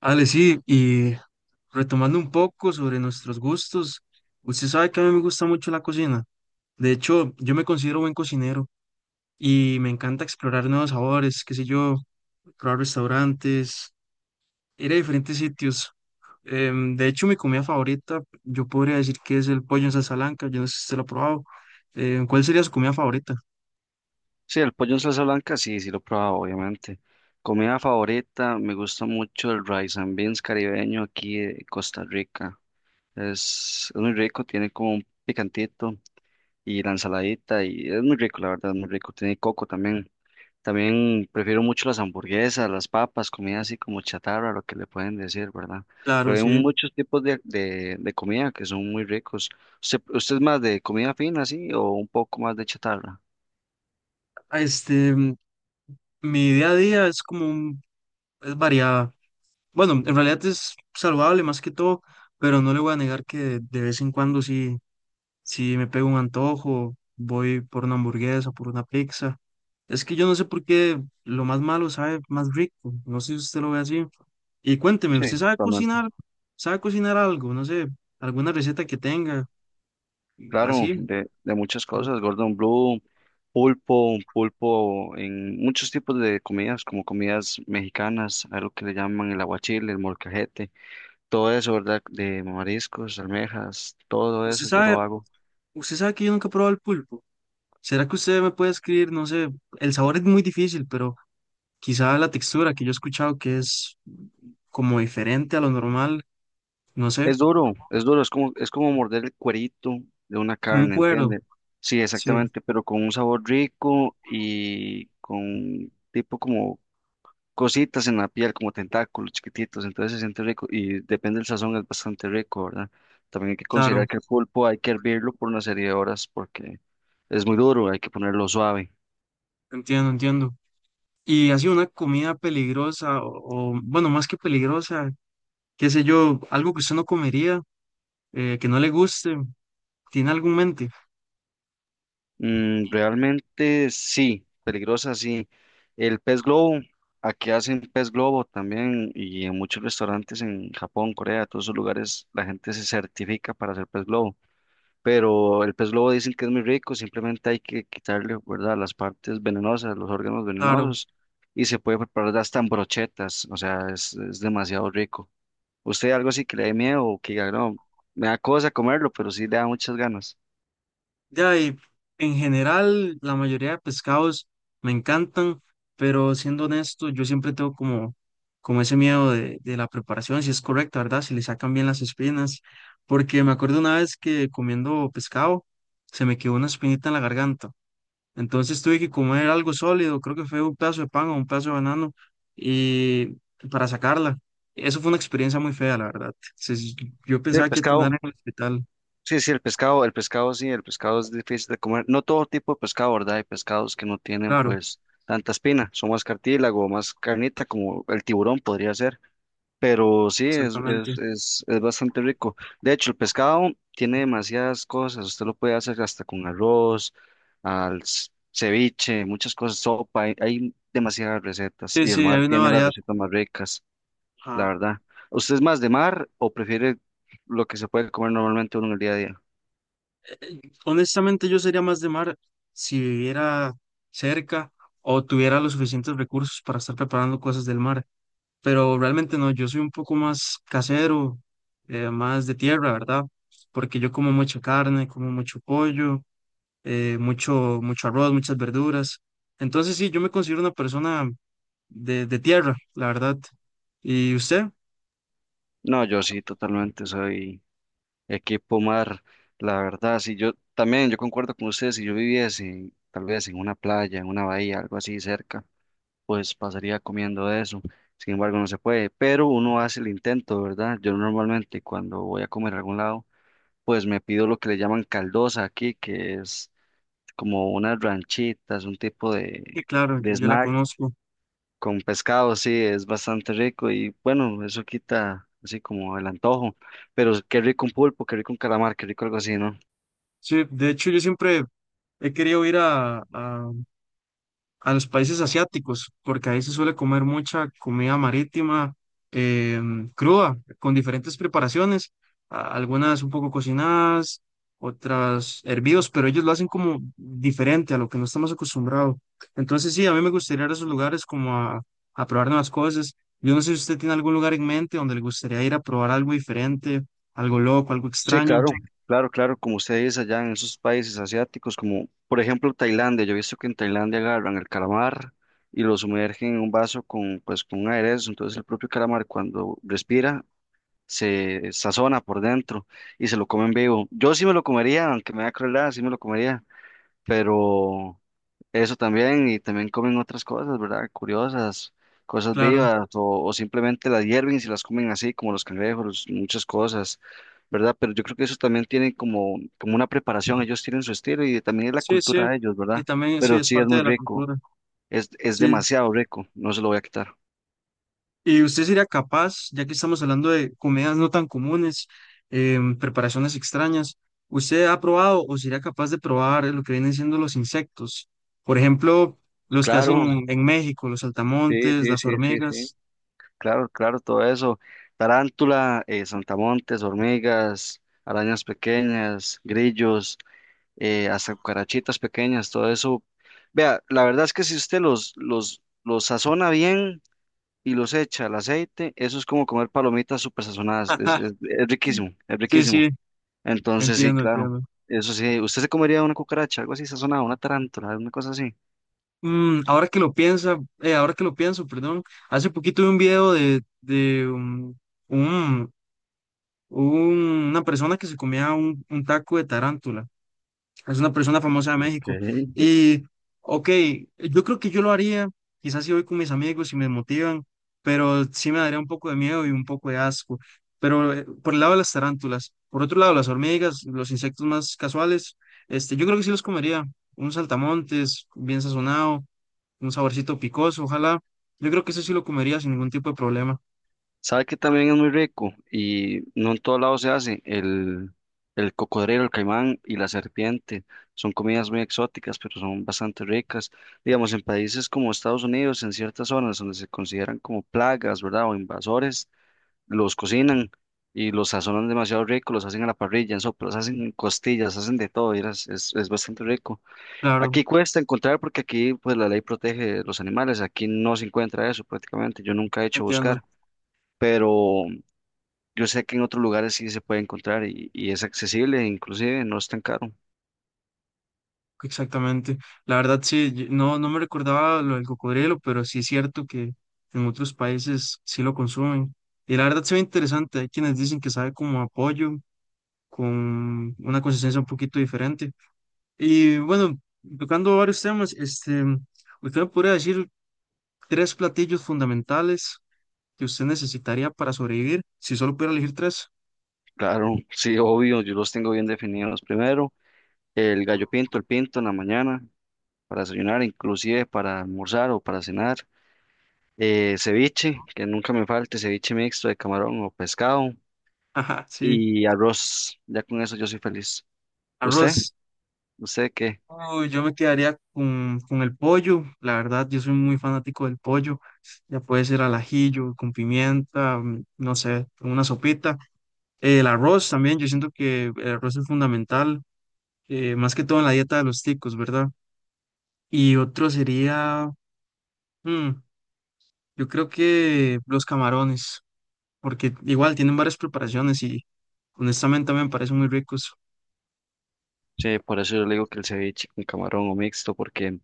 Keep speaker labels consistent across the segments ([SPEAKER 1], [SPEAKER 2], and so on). [SPEAKER 1] Ale, sí, y retomando un poco sobre nuestros gustos, usted sabe que a mí me gusta mucho la cocina. De hecho, yo me considero buen cocinero y me encanta explorar nuevos sabores, qué sé yo, probar restaurantes, ir a diferentes sitios. De hecho, mi comida favorita, yo podría decir que es el pollo en salsa blanca, yo no sé si usted lo ha probado. ¿Cuál sería su comida favorita?
[SPEAKER 2] Sí, el pollo en salsa blanca, sí, sí lo he probado, obviamente. Comida favorita, me gusta mucho el rice and beans caribeño aquí de Costa Rica. Es muy rico, tiene como un picantito y la ensaladita y es muy rico, la verdad, es muy rico. Tiene coco también. También prefiero mucho las hamburguesas, las papas, comida así como chatarra, lo que le pueden decir, ¿verdad?
[SPEAKER 1] Claro,
[SPEAKER 2] Pero hay
[SPEAKER 1] sí.
[SPEAKER 2] muchos tipos de comida que son muy ricos. ¿Usted es más de comida fina, sí, o un poco más de chatarra?
[SPEAKER 1] Este, mi día a día es como es variada. Bueno, en realidad es saludable más que todo, pero no le voy a negar que de vez en cuando sí, sí me pego un antojo, voy por una hamburguesa, por una pizza. Es que yo no sé por qué lo más malo sabe más rico, no sé si usted lo ve así. Y cuénteme,
[SPEAKER 2] Sí,
[SPEAKER 1] ¿usted sabe
[SPEAKER 2] totalmente.
[SPEAKER 1] cocinar? ¿Sabe cocinar algo? No sé, alguna receta que tenga,
[SPEAKER 2] Claro,
[SPEAKER 1] así.
[SPEAKER 2] de muchas cosas, Gordon Blue, pulpo, pulpo en muchos tipos de comidas, como comidas mexicanas, algo que le llaman el aguachile, el molcajete, todo eso, ¿verdad? De mariscos, almejas, todo
[SPEAKER 1] ¿Usted
[SPEAKER 2] eso yo
[SPEAKER 1] sabe,
[SPEAKER 2] lo hago.
[SPEAKER 1] usted sabe que yo nunca he probado el pulpo? ¿Será que usted me puede escribir? No sé, el sabor es muy difícil, pero quizá la textura que yo he escuchado que es como diferente a lo normal, no sé,
[SPEAKER 2] Es duro, es como morder el cuerito de una
[SPEAKER 1] como un
[SPEAKER 2] carne,
[SPEAKER 1] cuero.
[SPEAKER 2] ¿entiende? Sí,
[SPEAKER 1] Sí,
[SPEAKER 2] exactamente, pero con un sabor rico y con tipo como cositas en la piel, como tentáculos chiquititos, entonces se siente rico y depende del sazón, es bastante rico, ¿verdad? También hay que
[SPEAKER 1] claro,
[SPEAKER 2] considerar que el pulpo hay que hervirlo por una serie de horas porque es muy duro, hay que ponerlo suave.
[SPEAKER 1] entiendo, entiendo. Y así una comida peligrosa o bueno, más que peligrosa, qué sé yo, algo que usted no comería, que no le guste, ¿tiene algo en mente?
[SPEAKER 2] Realmente sí, peligrosa sí. El pez globo, aquí hacen pez globo también y en muchos restaurantes en Japón, Corea, todos esos lugares la gente se certifica para hacer pez globo, pero el pez globo dicen que es muy rico, simplemente hay que quitarle, ¿verdad?, las partes venenosas, los órganos
[SPEAKER 1] Claro.
[SPEAKER 2] venenosos, y se puede preparar hasta en brochetas, o sea, es demasiado rico. ¿Usted algo así que le dé miedo o que diga, no, me da cosa comerlo, pero sí le da muchas ganas?
[SPEAKER 1] Ya, y en general, la mayoría de pescados me encantan, pero siendo honesto, yo siempre tengo como, como ese miedo de la preparación, si es correcta, ¿verdad? Si le sacan bien las espinas, porque me acuerdo una vez que comiendo pescado se me quedó una espinita en la garganta, entonces tuve que comer algo sólido, creo que fue un pedazo de pan o un pedazo de banano, y para sacarla. Eso fue una experiencia muy fea, la verdad. Yo
[SPEAKER 2] Sí, el
[SPEAKER 1] pensaba que iba a terminar
[SPEAKER 2] pescado,
[SPEAKER 1] en el hospital,
[SPEAKER 2] sí, sí, el pescado, sí, el pescado es difícil de comer, no todo tipo de pescado, ¿verdad? Hay pescados que no tienen,
[SPEAKER 1] claro,
[SPEAKER 2] pues, tanta espina, son más cartílago, más carnita, como el tiburón podría ser. Pero sí, es,
[SPEAKER 1] exactamente.
[SPEAKER 2] es, es, es bastante rico. De hecho, el pescado tiene demasiadas cosas. Usted lo puede hacer hasta con arroz, ceviche, muchas cosas, sopa. Hay demasiadas recetas
[SPEAKER 1] Sí,
[SPEAKER 2] y el
[SPEAKER 1] sí,
[SPEAKER 2] mar
[SPEAKER 1] hay una
[SPEAKER 2] tiene las
[SPEAKER 1] variedad.
[SPEAKER 2] recetas más ricas, la
[SPEAKER 1] Ajá.
[SPEAKER 2] verdad. ¿Usted es más de mar o prefiere lo que se puede comer normalmente uno en el día a día?
[SPEAKER 1] Eh, honestamente, yo sería más de mar si viviera cerca o tuviera los suficientes recursos para estar preparando cosas del mar. Pero realmente no, yo soy un poco más casero, más de tierra, ¿verdad? Porque yo como mucha carne, como mucho pollo, mucho arroz, muchas verduras. Entonces sí, yo me considero una persona de tierra, la verdad. ¿Y usted?
[SPEAKER 2] No, yo sí, totalmente soy equipo mar, la verdad. Si yo también, yo concuerdo con usted, si yo viviese tal vez en una playa, en una bahía, algo así cerca. Pues pasaría comiendo de eso. Sin embargo, no se puede, pero uno hace el intento, ¿verdad? Yo normalmente cuando voy a comer a algún lado, pues me pido lo que le llaman caldosa aquí, que es como unas ranchitas, un tipo
[SPEAKER 1] Sí, claro,
[SPEAKER 2] de
[SPEAKER 1] yo la
[SPEAKER 2] snack
[SPEAKER 1] conozco.
[SPEAKER 2] con pescado, sí, es bastante rico y bueno, eso quita así como el antojo, pero qué rico un pulpo, qué rico un calamar, qué rico algo así, ¿no?
[SPEAKER 1] Sí, de hecho yo siempre he querido ir a los países asiáticos, porque ahí se suele comer mucha comida marítima, cruda, con diferentes preparaciones, algunas un poco cocinadas, otras hervidos, pero ellos lo hacen como diferente a lo que no estamos acostumbrados. Entonces sí, a mí me gustaría ir a esos lugares como a probar nuevas cosas. Yo no sé si usted tiene algún lugar en mente donde le gustaría ir a probar algo diferente, algo loco, algo
[SPEAKER 2] Sí,
[SPEAKER 1] extraño.
[SPEAKER 2] claro, como ustedes allá en esos países asiáticos, como por ejemplo Tailandia, yo he visto que en Tailandia agarran el calamar y lo sumergen en un vaso con, pues, con un aderezo, entonces el propio calamar cuando respira se sazona por dentro y se lo comen vivo. Yo sí me lo comería, aunque me da crueldad, sí me lo comería, pero eso también, y también comen otras cosas, ¿verdad? Curiosas, cosas
[SPEAKER 1] Claro,
[SPEAKER 2] vivas, o simplemente las hierven y se las comen así, como los cangrejos, muchas cosas, ¿verdad? Pero yo creo que eso también tiene como, como una preparación, ellos tienen su estilo y también es la
[SPEAKER 1] sí, sí.
[SPEAKER 2] cultura de ellos,
[SPEAKER 1] Y
[SPEAKER 2] ¿verdad?
[SPEAKER 1] también sí,
[SPEAKER 2] Pero
[SPEAKER 1] es
[SPEAKER 2] sí es
[SPEAKER 1] parte
[SPEAKER 2] muy
[SPEAKER 1] de la
[SPEAKER 2] rico,
[SPEAKER 1] cultura.
[SPEAKER 2] es
[SPEAKER 1] Sí.
[SPEAKER 2] demasiado rico, no se lo voy a quitar.
[SPEAKER 1] ¿Y usted sería capaz, ya que estamos hablando de comidas no tan comunes, preparaciones extrañas, usted ha probado o sería capaz de probar lo que vienen siendo los insectos? Por ejemplo, los que
[SPEAKER 2] Claro,
[SPEAKER 1] hacen en México, los
[SPEAKER 2] sí,
[SPEAKER 1] saltamontes,
[SPEAKER 2] sí,
[SPEAKER 1] las
[SPEAKER 2] sí, sí, sí,
[SPEAKER 1] hormigas.
[SPEAKER 2] claro, claro, todo eso. Tarántula, saltamontes, hormigas, arañas pequeñas, grillos. Hasta cucarachitas pequeñas, todo eso. Vea, la verdad es que si usted los sazona bien y los echa al aceite, eso es como comer palomitas súper sazonadas, es riquísimo, es
[SPEAKER 1] Sí,
[SPEAKER 2] riquísimo.
[SPEAKER 1] sí,
[SPEAKER 2] Entonces sí,
[SPEAKER 1] entiendo,
[SPEAKER 2] claro,
[SPEAKER 1] entiendo.
[SPEAKER 2] eso sí, ¿usted se comería una cucaracha, algo así sazonado, una tarántula, una cosa así?
[SPEAKER 1] Mm, ahora que lo piensa, ahora que lo pienso, perdón, hace poquito vi un video de un- una persona que se comía un taco de tarántula. Es una persona famosa de México.
[SPEAKER 2] Ok.
[SPEAKER 1] Y, ok, yo creo que yo lo haría, quizás si voy con mis amigos y me motivan, pero sí me daría un poco de miedo y un poco de asco. Pero por el lado de las tarántulas, por otro lado, las hormigas, los insectos más casuales, yo creo que sí los comería. Un saltamontes bien sazonado, un saborcito picoso, ojalá. Yo creo que eso sí lo comería sin ningún tipo de problema.
[SPEAKER 2] ¿Sabe que también es muy rico? Y no en todos lados se hace. El cocodrilo, el caimán y la serpiente. Son comidas muy exóticas, pero son bastante ricas. Digamos, en países como Estados Unidos, en ciertas zonas donde se consideran como plagas, ¿verdad? O invasores, los cocinan y los sazonan demasiado rico, los hacen a la parrilla, en sopas, hacen en costillas, hacen de todo. Es bastante rico.
[SPEAKER 1] Claro,
[SPEAKER 2] Aquí cuesta encontrar porque aquí pues la ley protege los animales. Aquí no se encuentra eso prácticamente. Yo nunca he hecho
[SPEAKER 1] entiendo.
[SPEAKER 2] buscar, pero yo sé que en otros lugares sí se puede encontrar y es accesible, inclusive no es tan caro.
[SPEAKER 1] Exactamente. La verdad, sí, no, no me recordaba lo del cocodrilo, pero sí es cierto que en otros países sí lo consumen. Y la verdad se ve interesante. Hay quienes dicen que sabe como a pollo, con una consistencia un poquito diferente. Y bueno, tocando varios temas, usted me podría decir tres platillos fundamentales que usted necesitaría para sobrevivir, si solo pudiera elegir tres.
[SPEAKER 2] Claro, sí, obvio, yo los tengo bien definidos. Primero, el gallo pinto, el pinto en la mañana para desayunar, inclusive para almorzar o para cenar. Ceviche, que nunca me falte, ceviche mixto de camarón o pescado
[SPEAKER 1] Ajá, sí.
[SPEAKER 2] y arroz. Ya con eso yo soy feliz. ¿Usted?
[SPEAKER 1] Arroz,
[SPEAKER 2] ¿Usted qué?
[SPEAKER 1] uy, yo me quedaría con el pollo, la verdad, yo soy muy fanático del pollo, ya puede ser al ajillo, con pimienta, mm, no sé, con una sopita. El arroz también, yo siento que el arroz es fundamental, más que todo en la dieta de los ticos, ¿verdad? Y otro sería, mm, yo creo que los camarones, porque igual tienen varias preparaciones y honestamente me parecen muy ricos,
[SPEAKER 2] Sí, por eso yo le digo que el ceviche con camarón o mixto, porque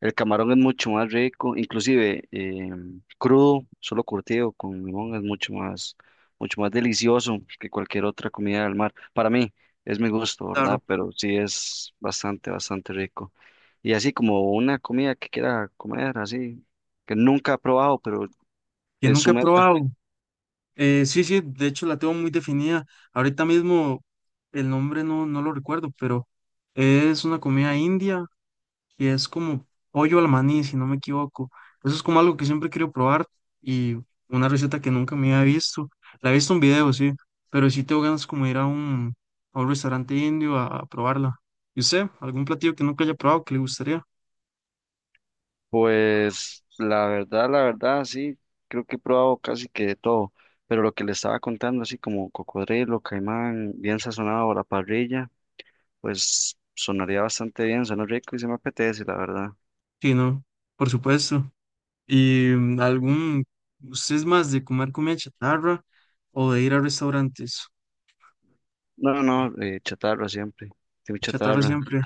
[SPEAKER 2] el camarón es mucho más rico, inclusive crudo, solo curtido con limón es mucho más delicioso que cualquier otra comida del mar. Para mí es mi gusto, ¿verdad?
[SPEAKER 1] claro,
[SPEAKER 2] Pero sí es bastante, bastante rico. Y así como una comida que quiera comer, así, que nunca ha probado, pero
[SPEAKER 1] que
[SPEAKER 2] es su
[SPEAKER 1] nunca he
[SPEAKER 2] meta.
[SPEAKER 1] probado. Sí, sí, de hecho la tengo muy definida. Ahorita mismo el nombre no, no lo recuerdo, pero es una comida india que es como pollo al maní, si no me equivoco. Eso es como algo que siempre quiero probar y una receta que nunca me había visto. La he visto en video, sí, pero sí tengo ganas como de ir a a un restaurante indio a probarla. ¿Y usted? ¿Algún platillo que nunca haya probado que le gustaría?
[SPEAKER 2] Pues la verdad, sí, creo que he probado casi que de todo, pero lo que le estaba contando, así como cocodrilo, caimán, bien sazonado a la parrilla, pues sonaría bastante bien, suena rico y se me apetece, la verdad.
[SPEAKER 1] Sí, no, por supuesto. Y mm, algún, ¿usted es más de comer comida chatarra o de ir a restaurantes?
[SPEAKER 2] No, no, chatarra siempre, tengo
[SPEAKER 1] Chatarra
[SPEAKER 2] chatarra,
[SPEAKER 1] siempre,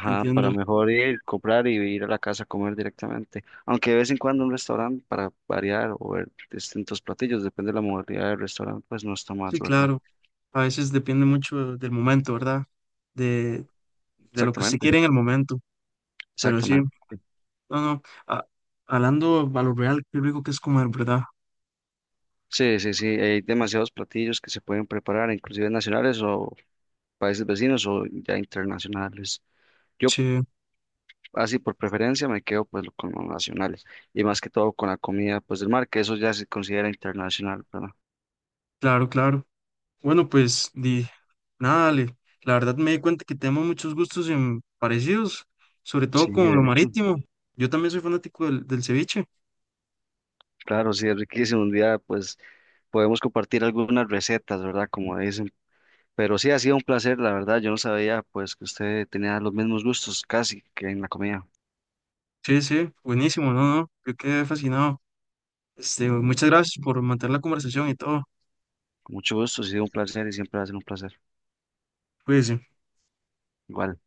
[SPEAKER 1] te entiendo.
[SPEAKER 2] para mejor ir, comprar y ir a la casa a comer directamente, aunque de vez en cuando un restaurante para variar o ver distintos platillos, depende de la modalidad del restaurante, pues no está mal,
[SPEAKER 1] Sí,
[SPEAKER 2] ¿verdad?
[SPEAKER 1] claro. A veces depende mucho del momento, ¿verdad? De, de lo que usted
[SPEAKER 2] Exactamente,
[SPEAKER 1] quiere en el momento. Pero sí,
[SPEAKER 2] exactamente.
[SPEAKER 1] no, no. a- Hablando a lo real, qué rico que es comer, ¿verdad?
[SPEAKER 2] Sí, sí, sí, hay demasiados platillos que se pueden preparar, inclusive nacionales o países vecinos o ya internacionales. Yo
[SPEAKER 1] Che,
[SPEAKER 2] así por preferencia me quedo pues con los nacionales y más que todo con la comida pues del mar, que eso ya se considera internacional, ¿verdad?
[SPEAKER 1] claro, claro. Bueno, pues, di, nada, Ale, la verdad me di cuenta que tenemos muchos gustos parecidos, sobre todo
[SPEAKER 2] Sí,
[SPEAKER 1] con lo
[SPEAKER 2] de hecho,
[SPEAKER 1] marítimo. Yo también soy fanático del ceviche.
[SPEAKER 2] claro, sí, es riquísimo. Un día pues podemos compartir algunas recetas, ¿verdad? Como dicen. Pero sí, ha sido un placer, la verdad. Yo no sabía pues que usted tenía los mismos gustos casi que en la comida.
[SPEAKER 1] Sí, sí, buenísimo, no, no, yo quedé fascinado. Muchas gracias por mantener la conversación y todo.
[SPEAKER 2] Con mucho gusto, ha sido un placer y siempre va a ser un placer.
[SPEAKER 1] Cuídense.
[SPEAKER 2] Igual.